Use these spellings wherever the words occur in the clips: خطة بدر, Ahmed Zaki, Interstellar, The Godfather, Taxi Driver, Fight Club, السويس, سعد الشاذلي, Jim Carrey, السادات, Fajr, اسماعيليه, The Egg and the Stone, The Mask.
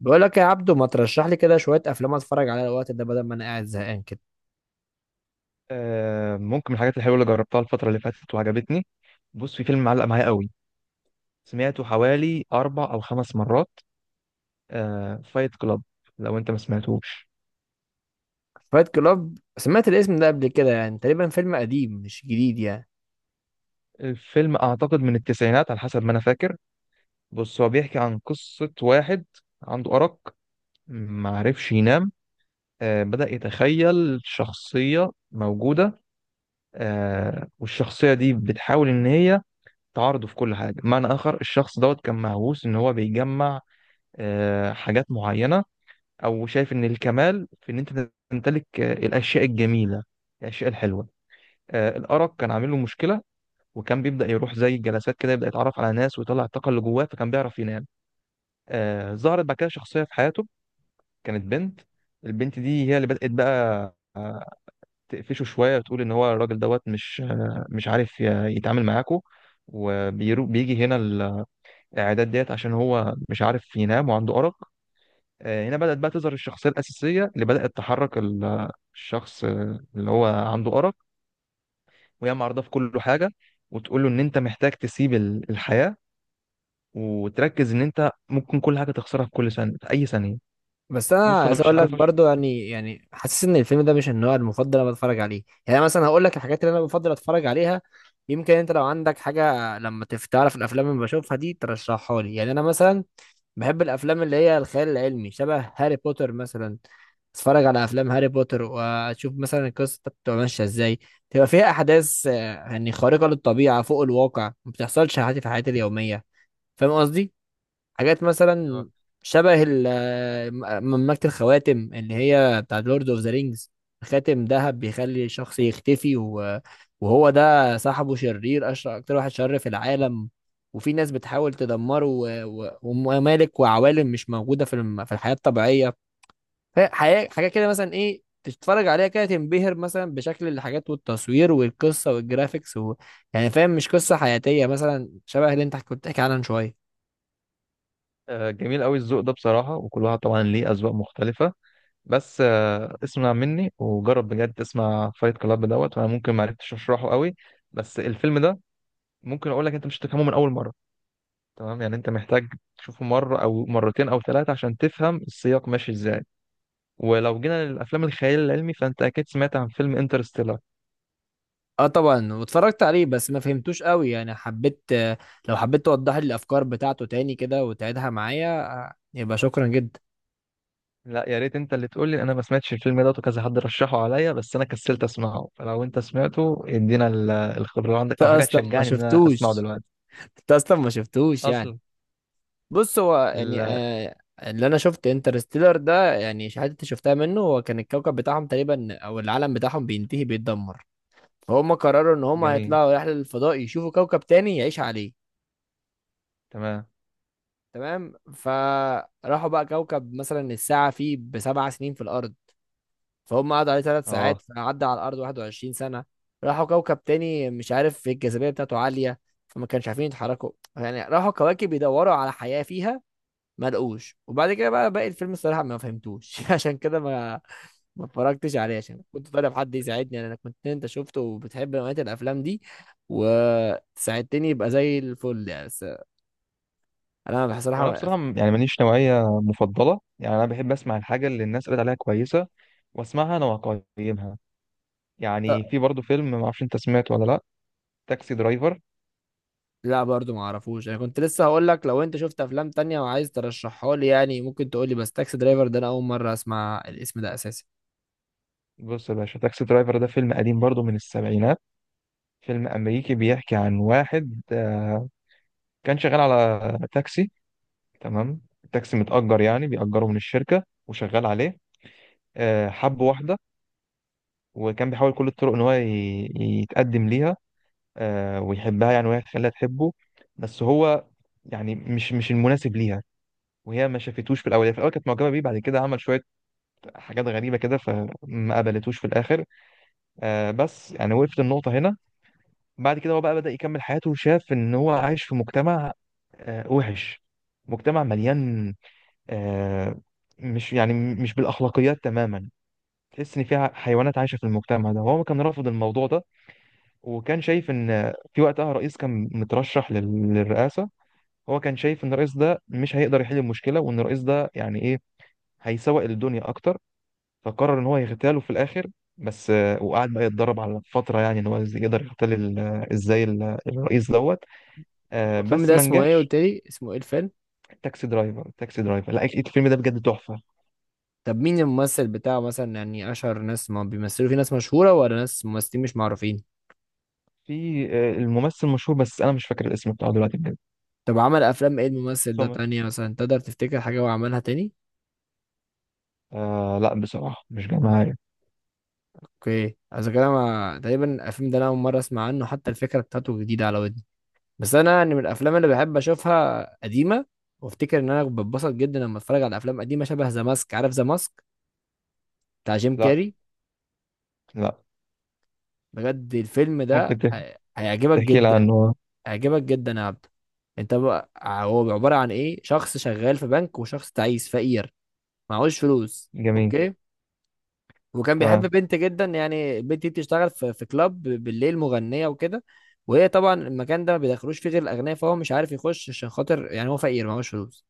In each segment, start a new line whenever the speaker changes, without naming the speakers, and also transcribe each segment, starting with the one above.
بقول لك يا عبدو ما ترشح لي كده شويه افلام اتفرج عليها الوقت ده بدل ما انا قاعد زهقان كده.
ممكن من الحاجات الحلوة اللي جربتها الفترة اللي فاتت وعجبتني. بص، في فيلم معلق معايا قوي. سمعته حوالي 4 أو 5 مرات. فايت كلاب، لو أنت ما سمعتهوش.
فايت كلاب سمعت الاسم ده قبل كده، يعني تقريبا فيلم قديم مش جديد يعني.
الفيلم أعتقد من التسعينات على حسب ما أنا فاكر. بص، هو بيحكي عن قصة واحد عنده أرق، معرفش ينام. بدأ يتخيل شخصية موجودة. والشخصية دي بتحاول إن هي تعارضه في كل حاجة. بمعنى آخر، الشخص دوت كان مهووس إن هو بيجمع حاجات معينة، او شايف ان الكمال في ان انت تمتلك الاشياء الجميله، الاشياء الحلوه. الارق كان عامل له مشكله، وكان بيبدا يروح زي الجلسات كده، يبدا يتعرف على ناس ويطلع الطاقه اللي جواه، فكان بيعرف ينام. ظهرت بعد كده شخصيه في حياته، كانت بنت. البنت دي هي اللي بدات بقى تقفشه شويه وتقول ان هو الراجل دوت مش عارف يتعامل معاكو. وبيجي هنا الاعداد ديت عشان هو مش عارف ينام وعنده ارق. هنا بدأت بقى تظهر الشخصية الأساسية اللي بدأت تحرك الشخص، اللي هو عنده أرق. وهي معرضة في كل حاجة، وتقول له إن أنت محتاج تسيب الحياة، وتركز إن أنت ممكن كل حاجة تخسرها في كل ثانية، في أي ثانية.
بس انا
بص، أنا
عايز
مش
اقول لك
عارف أشرح.
برضو يعني حاسس ان الفيلم ده مش النوع المفضل اللي انا بتفرج عليه. يعني أنا مثلا هقول لك الحاجات اللي انا بفضل اتفرج عليها. يمكن انت لو عندك حاجه لما تعرف الافلام اللي بشوفها دي ترشحها لي. يعني انا مثلا بحب الافلام اللي هي الخيال العلمي شبه هاري بوتر مثلا. اتفرج على افلام هاري بوتر واشوف مثلا القصه بتبقى ماشيه ازاي، تبقى فيها احداث يعني خارقه للطبيعه فوق الواقع ما بتحصلش عادي في حياتي اليوميه. فاهم قصدي؟ حاجات مثلا
أيوه.
شبه مملكة الخواتم اللي هي بتاع لورد اوف ذا رينجز. خاتم ذهب بيخلي شخص يختفي، وهو ده صاحبه شرير أشر أكتر واحد شر في العالم. وفي ناس بتحاول تدمره وممالك وعوالم مش موجودة في في الحياة الطبيعية. حاجة حاجة كده مثلا إيه، تتفرج عليها كده تنبهر مثلا بشكل الحاجات والتصوير والقصة والجرافيكس يعني فاهم؟ مش قصة حياتية مثلا شبه اللي أنت كنت بتحكي عنها من شوية.
جميل قوي الذوق ده بصراحة، وكل واحد طبعا ليه أذواق مختلفة. بس اسمع مني وجرب بجد، تسمع فايت كلاب دوت. وأنا ممكن معرفتش أشرحه قوي، بس الفيلم ده ممكن أقول لك أنت مش هتفهمه من أول مرة. تمام، يعني انت محتاج تشوفه مرة او مرتين او ثلاثة عشان تفهم السياق ماشي ازاي. ولو جينا للافلام الخيال العلمي، فانت اكيد سمعت عن فيلم انترستيلر.
اه طبعا واتفرجت عليه بس ما فهمتوش قوي. يعني حبيت لو حبيت توضح لي الافكار بتاعته تاني كده وتعيدها معايا، يبقى شكرا جدا.
لا، يا ريت انت اللي تقول لي. انا ما سمعتش الفيلم ده وكذا حد رشحه عليا، بس انا كسلت اسمعه. فلو انت سمعته، ادينا الخبر
انت
عندك او حاجة
اصلا ما
تشجعني ان انا اسمعه
شفتوش؟
دلوقتي.
انت اصلا ما شفتوش يعني.
اصلا.
بص هو يعني
ال-
اللي انا شفت انترستيلر ده، يعني الحتت اللي شفتها منه هو كان الكوكب بتاعهم تقريبا او العالم بتاعهم بينتهي بيتدمر. فهم قرروا ان هم
جميل.
هيطلعوا رحلة للفضاء يشوفوا كوكب تاني يعيش عليه.
تمام.
تمام، فراحوا بقى كوكب مثلا الساعة فيه بسبع سنين في الأرض. فهم قعدوا عليه ثلاث ساعات
اه.
فعدى على الارض 21 سنه. راحوا كوكب تاني مش عارف الجاذبيه بتاعته عاليه، فما كانش عارفين يتحركوا. يعني راحوا كواكب يدوروا على حياه فيها ما لقوش. وبعد كده بقى باقي الفيلم الصراحه ما فهمتوش عشان كده ما اتفرجتش عليه عشان كنت طالب حد يساعدني. يعني انا كنت انت شفته وبتحب نوعيه الافلام دي وساعدتني يبقى زي الفل يعني. بس انا
وانا
بصراحه.
بصراحة يعني ماليش نوعية مفضلة، يعني انا بحب اسمع الحاجة اللي الناس قالت عليها كويسة، واسمعها انا واقيمها. يعني في برضه فيلم ما اعرفش انت سمعته ولا لا. تاكسي درايفر.
لا برضو ما اعرفوش. انا كنت لسه هقول لك لو انت شفت افلام تانية وعايز ترشحها لي يعني ممكن تقول لي. بس تاكسي درايفر ده انا اول مرة اسمع الاسم ده اساسا.
بص يا باشا، تاكسي درايفر ده فيلم قديم برضه من السبعينات. فيلم امريكي بيحكي عن واحد، كان شغال على تاكسي. تمام، التاكسي متأجر، يعني بيأجره من الشركة وشغال عليه. حب واحدة، وكان بيحاول كل الطرق ان هو يتقدم ليها ويحبها، يعني وهي تخليها تحبه. بس هو يعني مش المناسب ليها، وهي ما شافتوش في الاول. هي في الاول كانت معجبه بيه، بعد كده عمل شويه حاجات غريبه كده، فما قبلتوش في الاخر. بس يعني وقفت النقطة هنا. بعد كده هو بقى بدأ يكمل حياته، وشاف إن هو عايش في مجتمع وحش، مجتمع مليان، آه مش يعني مش بالأخلاقيات تماما. تحس إن فيها حيوانات عايشة في المجتمع ده. هو كان رافض الموضوع ده. وكان شايف إن في وقتها رئيس كان مترشح للرئاسة. هو كان شايف إن الرئيس ده مش هيقدر يحل المشكلة، وإن الرئيس ده يعني إيه، هيسوق الدنيا أكتر. فقرر ان هو يغتاله في الاخر. بس وقعد بقى يتدرب على فتره، يعني ان هو يقدر يغتال ازاي الرئيس دوت،
هو الفيلم
بس
ده
ما
اسمه ايه؟
نجحش.
قلت لي اسمه ايه الفيلم؟
تاكسي درايفر. تاكسي درايفر. لا، الفيلم ده بجد تحفه.
طب مين الممثل بتاعه مثلا؟ يعني اشهر ناس ما بيمثلوا، في ناس مشهورة ولا ناس ممثلين مش معروفين؟
في الممثل مشهور، بس انا مش فاكر الاسم بتاعه دلوقتي بجد.
طب عمل افلام ايه الممثل ده
سومر.
تانية مثلا؟ تقدر تفتكر حاجة هو عملها تاني؟
لا، بصراحه مش جاي معايا.
اوكي اذا كده تقريبا الفيلم ده انا اول مرة اسمع عنه، حتى الفكرة بتاعته جديدة على ودني. بس انا يعني من الافلام اللي بحب اشوفها قديمه. وافتكر ان انا بتبسط جدا لما اتفرج على افلام قديمه شبه ذا ماسك. عارف ذا ماسك بتاع جيم
لا.
كاري؟
لا،
بجد الفيلم
ممكن
ده هيعجبك
تحكي لي
جدا.
عنه.
هيعجبك جدا يا عبد. انت بقى هو عباره عن ايه؟ شخص شغال في بنك، وشخص تعيس فقير معهوش فلوس.
جميل.
اوكي. وكان بيحب
تمام.
بنت جدا، يعني البنت دي بتشتغل في كلاب بالليل مغنيه وكده. وهي طبعا المكان ده ما بيدخلوش فيه غير الاغنياء، فهو مش عارف يخش عشان خاطر يعني هو فقير معهوش فلوس.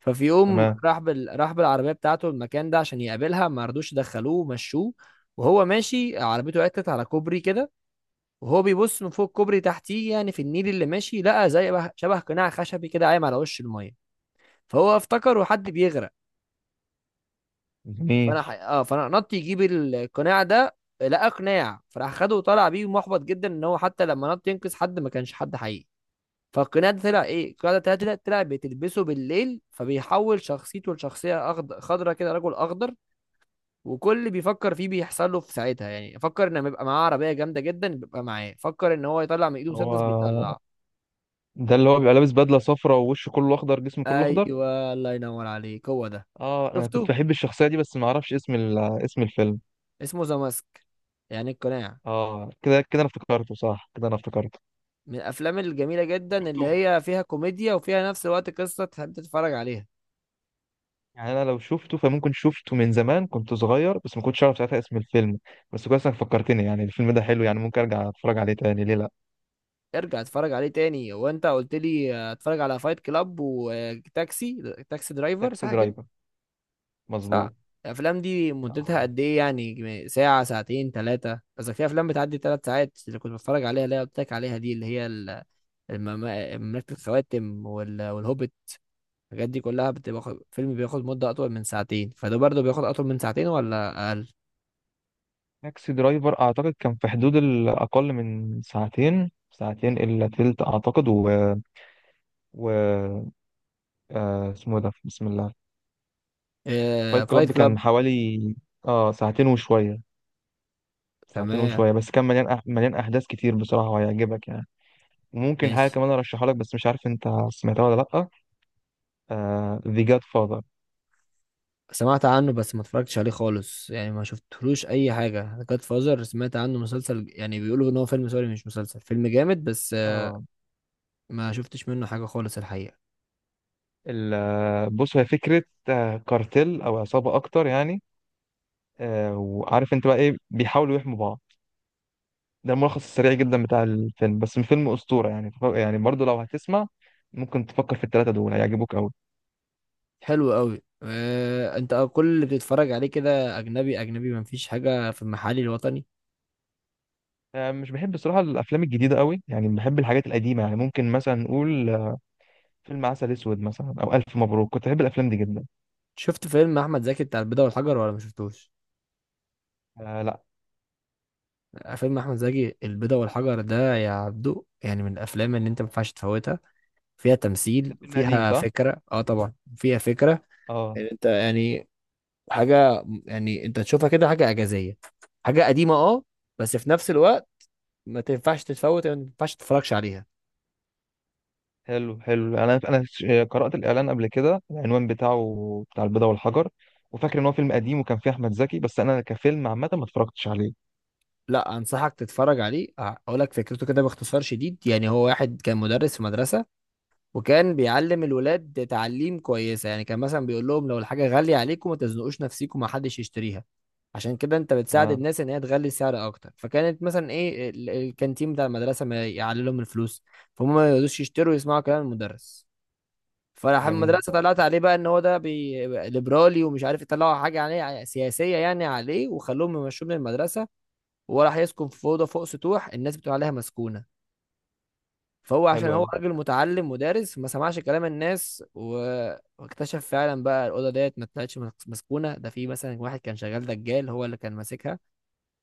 ففي يوم
تمام.
راح راح بالعربيه بتاعته المكان ده عشان يقابلها ما رضوش يدخلوه مشوه. وهو ماشي عربيته عطلت على كوبري كده، وهو بيبص من فوق الكوبري تحتيه يعني في النيل اللي ماشي لقى زي شبه قناع خشبي كده قايم على وش الميه. فهو افتكر حد بيغرق.
جميل.
فانا ح... اه فانا نط يجيب القناع ده. لقى قناع فراح خده وطلع بيه محبط جدا ان هو حتى لما نط ينقذ حد ما كانش حد حقيقي. فالقناع ده طلع ايه؟ القناع ده طلع بتلبسه بالليل فبيحول شخصيته لشخصيه خضرة كده، رجل اخضر. وكل اللي بيفكر فيه بيحصل له في ساعتها، يعني فكر ان بيبقى معاه عربيه جامده جدا بيبقى معاه، فكر ان هو يطلع من ايده مسدس
هو
بيطلع.
ده اللي هو بيبقى لابس بدله صفراء ووشه كله اخضر، جسمه كله اخضر.
ايوه الله ينور عليك هو ده.
اه، انا كنت
شفته؟
بحب الشخصيه دي، بس ما اعرفش اسم اسم الفيلم.
اسمه ذا ماسك، يعني القناع.
اه، كده كده انا افتكرته، صح كده انا افتكرته.
من الافلام الجميله جدا
شفته.
اللي هي فيها كوميديا وفيها نفس الوقت قصه تحب تتفرج عليها.
يعني انا لو شفته، فممكن شفته من زمان كنت صغير، بس ما كنتش اعرف ساعتها اسم الفيلم. بس كويس انك فكرتني. يعني الفيلم ده حلو، يعني ممكن ارجع اتفرج عليه تاني، ليه لا؟
ارجع اتفرج عليه تاني وانت قلت لي اتفرج على فايت كلاب وتاكسي درايفر،
تاكسي
صح كده؟
درايفر.
صح.
مظبوط.
الافلام دي مدتها
آه.
قد ايه؟ يعني ساعه، ساعتين، ثلاثه، قصدك في افلام بتعدي ثلاث ساعات اللي كنت بتفرج عليها اللي هي قلت لك عليها دي اللي هي مملكه الخواتم والهوبيت. الحاجات دي كلها بتبقى فيلم بياخد مده اطول من ساعتين، فده برضه بياخد اطول من ساعتين ولا اقل؟
تاكسي درايفر اعتقد كان في حدود الاقل من ساعتين، ساعتين الا تلت اعتقد و... اسمه إيه ده، بسم الله.
آه
فايت
فايت
كلاب
كلاب.
كان حوالي اه ساعتين وشويه. ساعتين
تمام.
وشوية، بس كان مليان أحداث كتير بصراحة، وهيعجبك يعني. ممكن حاجة
ماشي.
كمان أرشحها لك، بس مش عارف أنت سمعتها ولا لأ. The Godfather.
سمعت عنه بس ما اتفرجتش عليه خالص، يعني ما شفتلوش اي حاجه. جاد فازر سمعت عنه مسلسل، يعني بيقولوا ان هو فيلم سوري مش مسلسل، فيلم جامد بس
آه
ما شفتش منه حاجه خالص الحقيقه.
ال... آه، بص، هي فكرة كارتيل أو عصابة أكتر يعني، وعارف أنت بقى إيه، بيحاولوا يحموا بعض. ده الملخص السريع جدا بتاع الفيلم، بس فيلم أسطورة يعني. يعني برضه لو هتسمع، ممكن تفكر في التلاتة دول، هيعجبوك أوي.
حلو قوي. انت كل اللي بتتفرج عليه كده اجنبي اجنبي، مفيش حاجه في المحلي الوطني؟
مش بحب بصراحة الأفلام الجديدة أوي، يعني بحب الحاجات القديمة. يعني ممكن مثلا نقول فيلم عسل اسود مثلا، او الف مبروك. كنت بحب الافلام دي جدا.
شفت فيلم احمد زكي بتاع البيضه والحجر ولا ما شفتوش؟
لا،
فيلم احمد زكي البيضه والحجر ده يا عبدو يعني من الافلام اللي انت ما ينفعش تفوتها. فيها
ده
تمثيل
فيلم قديم،
فيها
صح؟
فكره، اه طبعا فيها فكره.
اه.
يعني انت يعني حاجه يعني انت تشوفها كده حاجه اعجازيه، حاجه قديمه اه، بس في نفس الوقت ما تنفعش تتفوت، ما ينفعش تتفرجش عليها.
حلو حلو، انا قرات الاعلان قبل كده، العنوان بتاعه بتاع البيضه والحجر. وفاكر ان هو فيلم قديم وكان فيه احمد زكي، بس انا كفيلم عامه ما اتفرجتش عليه.
لا انصحك تتفرج عليه. اقول لك فكرته كده باختصار شديد. يعني هو واحد كان مدرس في مدرسه وكان بيعلم الولاد تعليم كويسه. يعني كان مثلا بيقول لهم لو الحاجه غاليه عليكم ما تزنقوش نفسيكم، ما حدش يشتريها، عشان كده انت بتساعد
تمام.
الناس ان هي تغلي السعر اكتر. فكانت مثلا ايه، الكانتين بتاع المدرسه ما يعلي لهم الفلوس، فهم ما يقدروش يشتروا يسمعوا كلام المدرس. فراح
جميل.
المدرسه طلعت عليه بقى ان هو ده ليبرالي ومش عارف، يطلعوا حاجه عليه سياسيه يعني عليه وخلوهم يمشوه من المدرسه. وراح يسكن في اوضه فوق سطوح الناس بتقول عليها مسكونه. فهو
حلو
عشان هو
قوي.
راجل متعلم مدرس ما سمعش كلام الناس واكتشف فعلا بقى الاوضه ديت ما طلعتش مسكونه. ده في مثلا واحد كان شغال دجال هو اللي كان ماسكها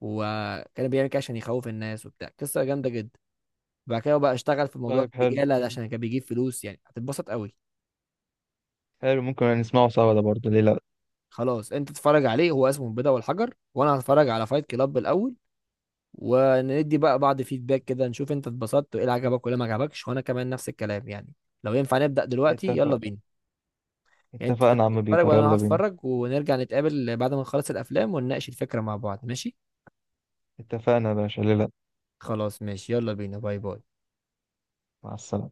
وكان بيعمل كده عشان يخوف الناس وبتاع، قصه جامده جدا. بعد كده هو بقى اشتغل في موضوع
طيب، حلو.
الدجاله ده عشان كان بيجيب فلوس، يعني هتتبسط قوي.
حلو، ممكن نسمعه سوا ده برضه، ليه لا؟
خلاص انت تتفرج عليه هو اسمه البيضه والحجر، وانا هتفرج على فايت كلاب الاول، وندي بقى بعض فيدباك كده نشوف انت اتبسطت وايه اللي عجبك وايه اللي ما عجبكش، وانا كمان نفس الكلام يعني. لو ينفع نبدأ دلوقتي يلا
اتفق.
بينا. يعني انت
اتفقنا يا
تبقى
عم
تتفرج
بيتر،
وانا اروح
يلا بينا.
اتفرج ونرجع نتقابل بعد ما نخلص الافلام ونناقش الفكرة مع بعض، ماشي؟
اتفقنا يا باشا، ليه لا؟
خلاص ماشي يلا بينا، باي باي.
مع السلامه.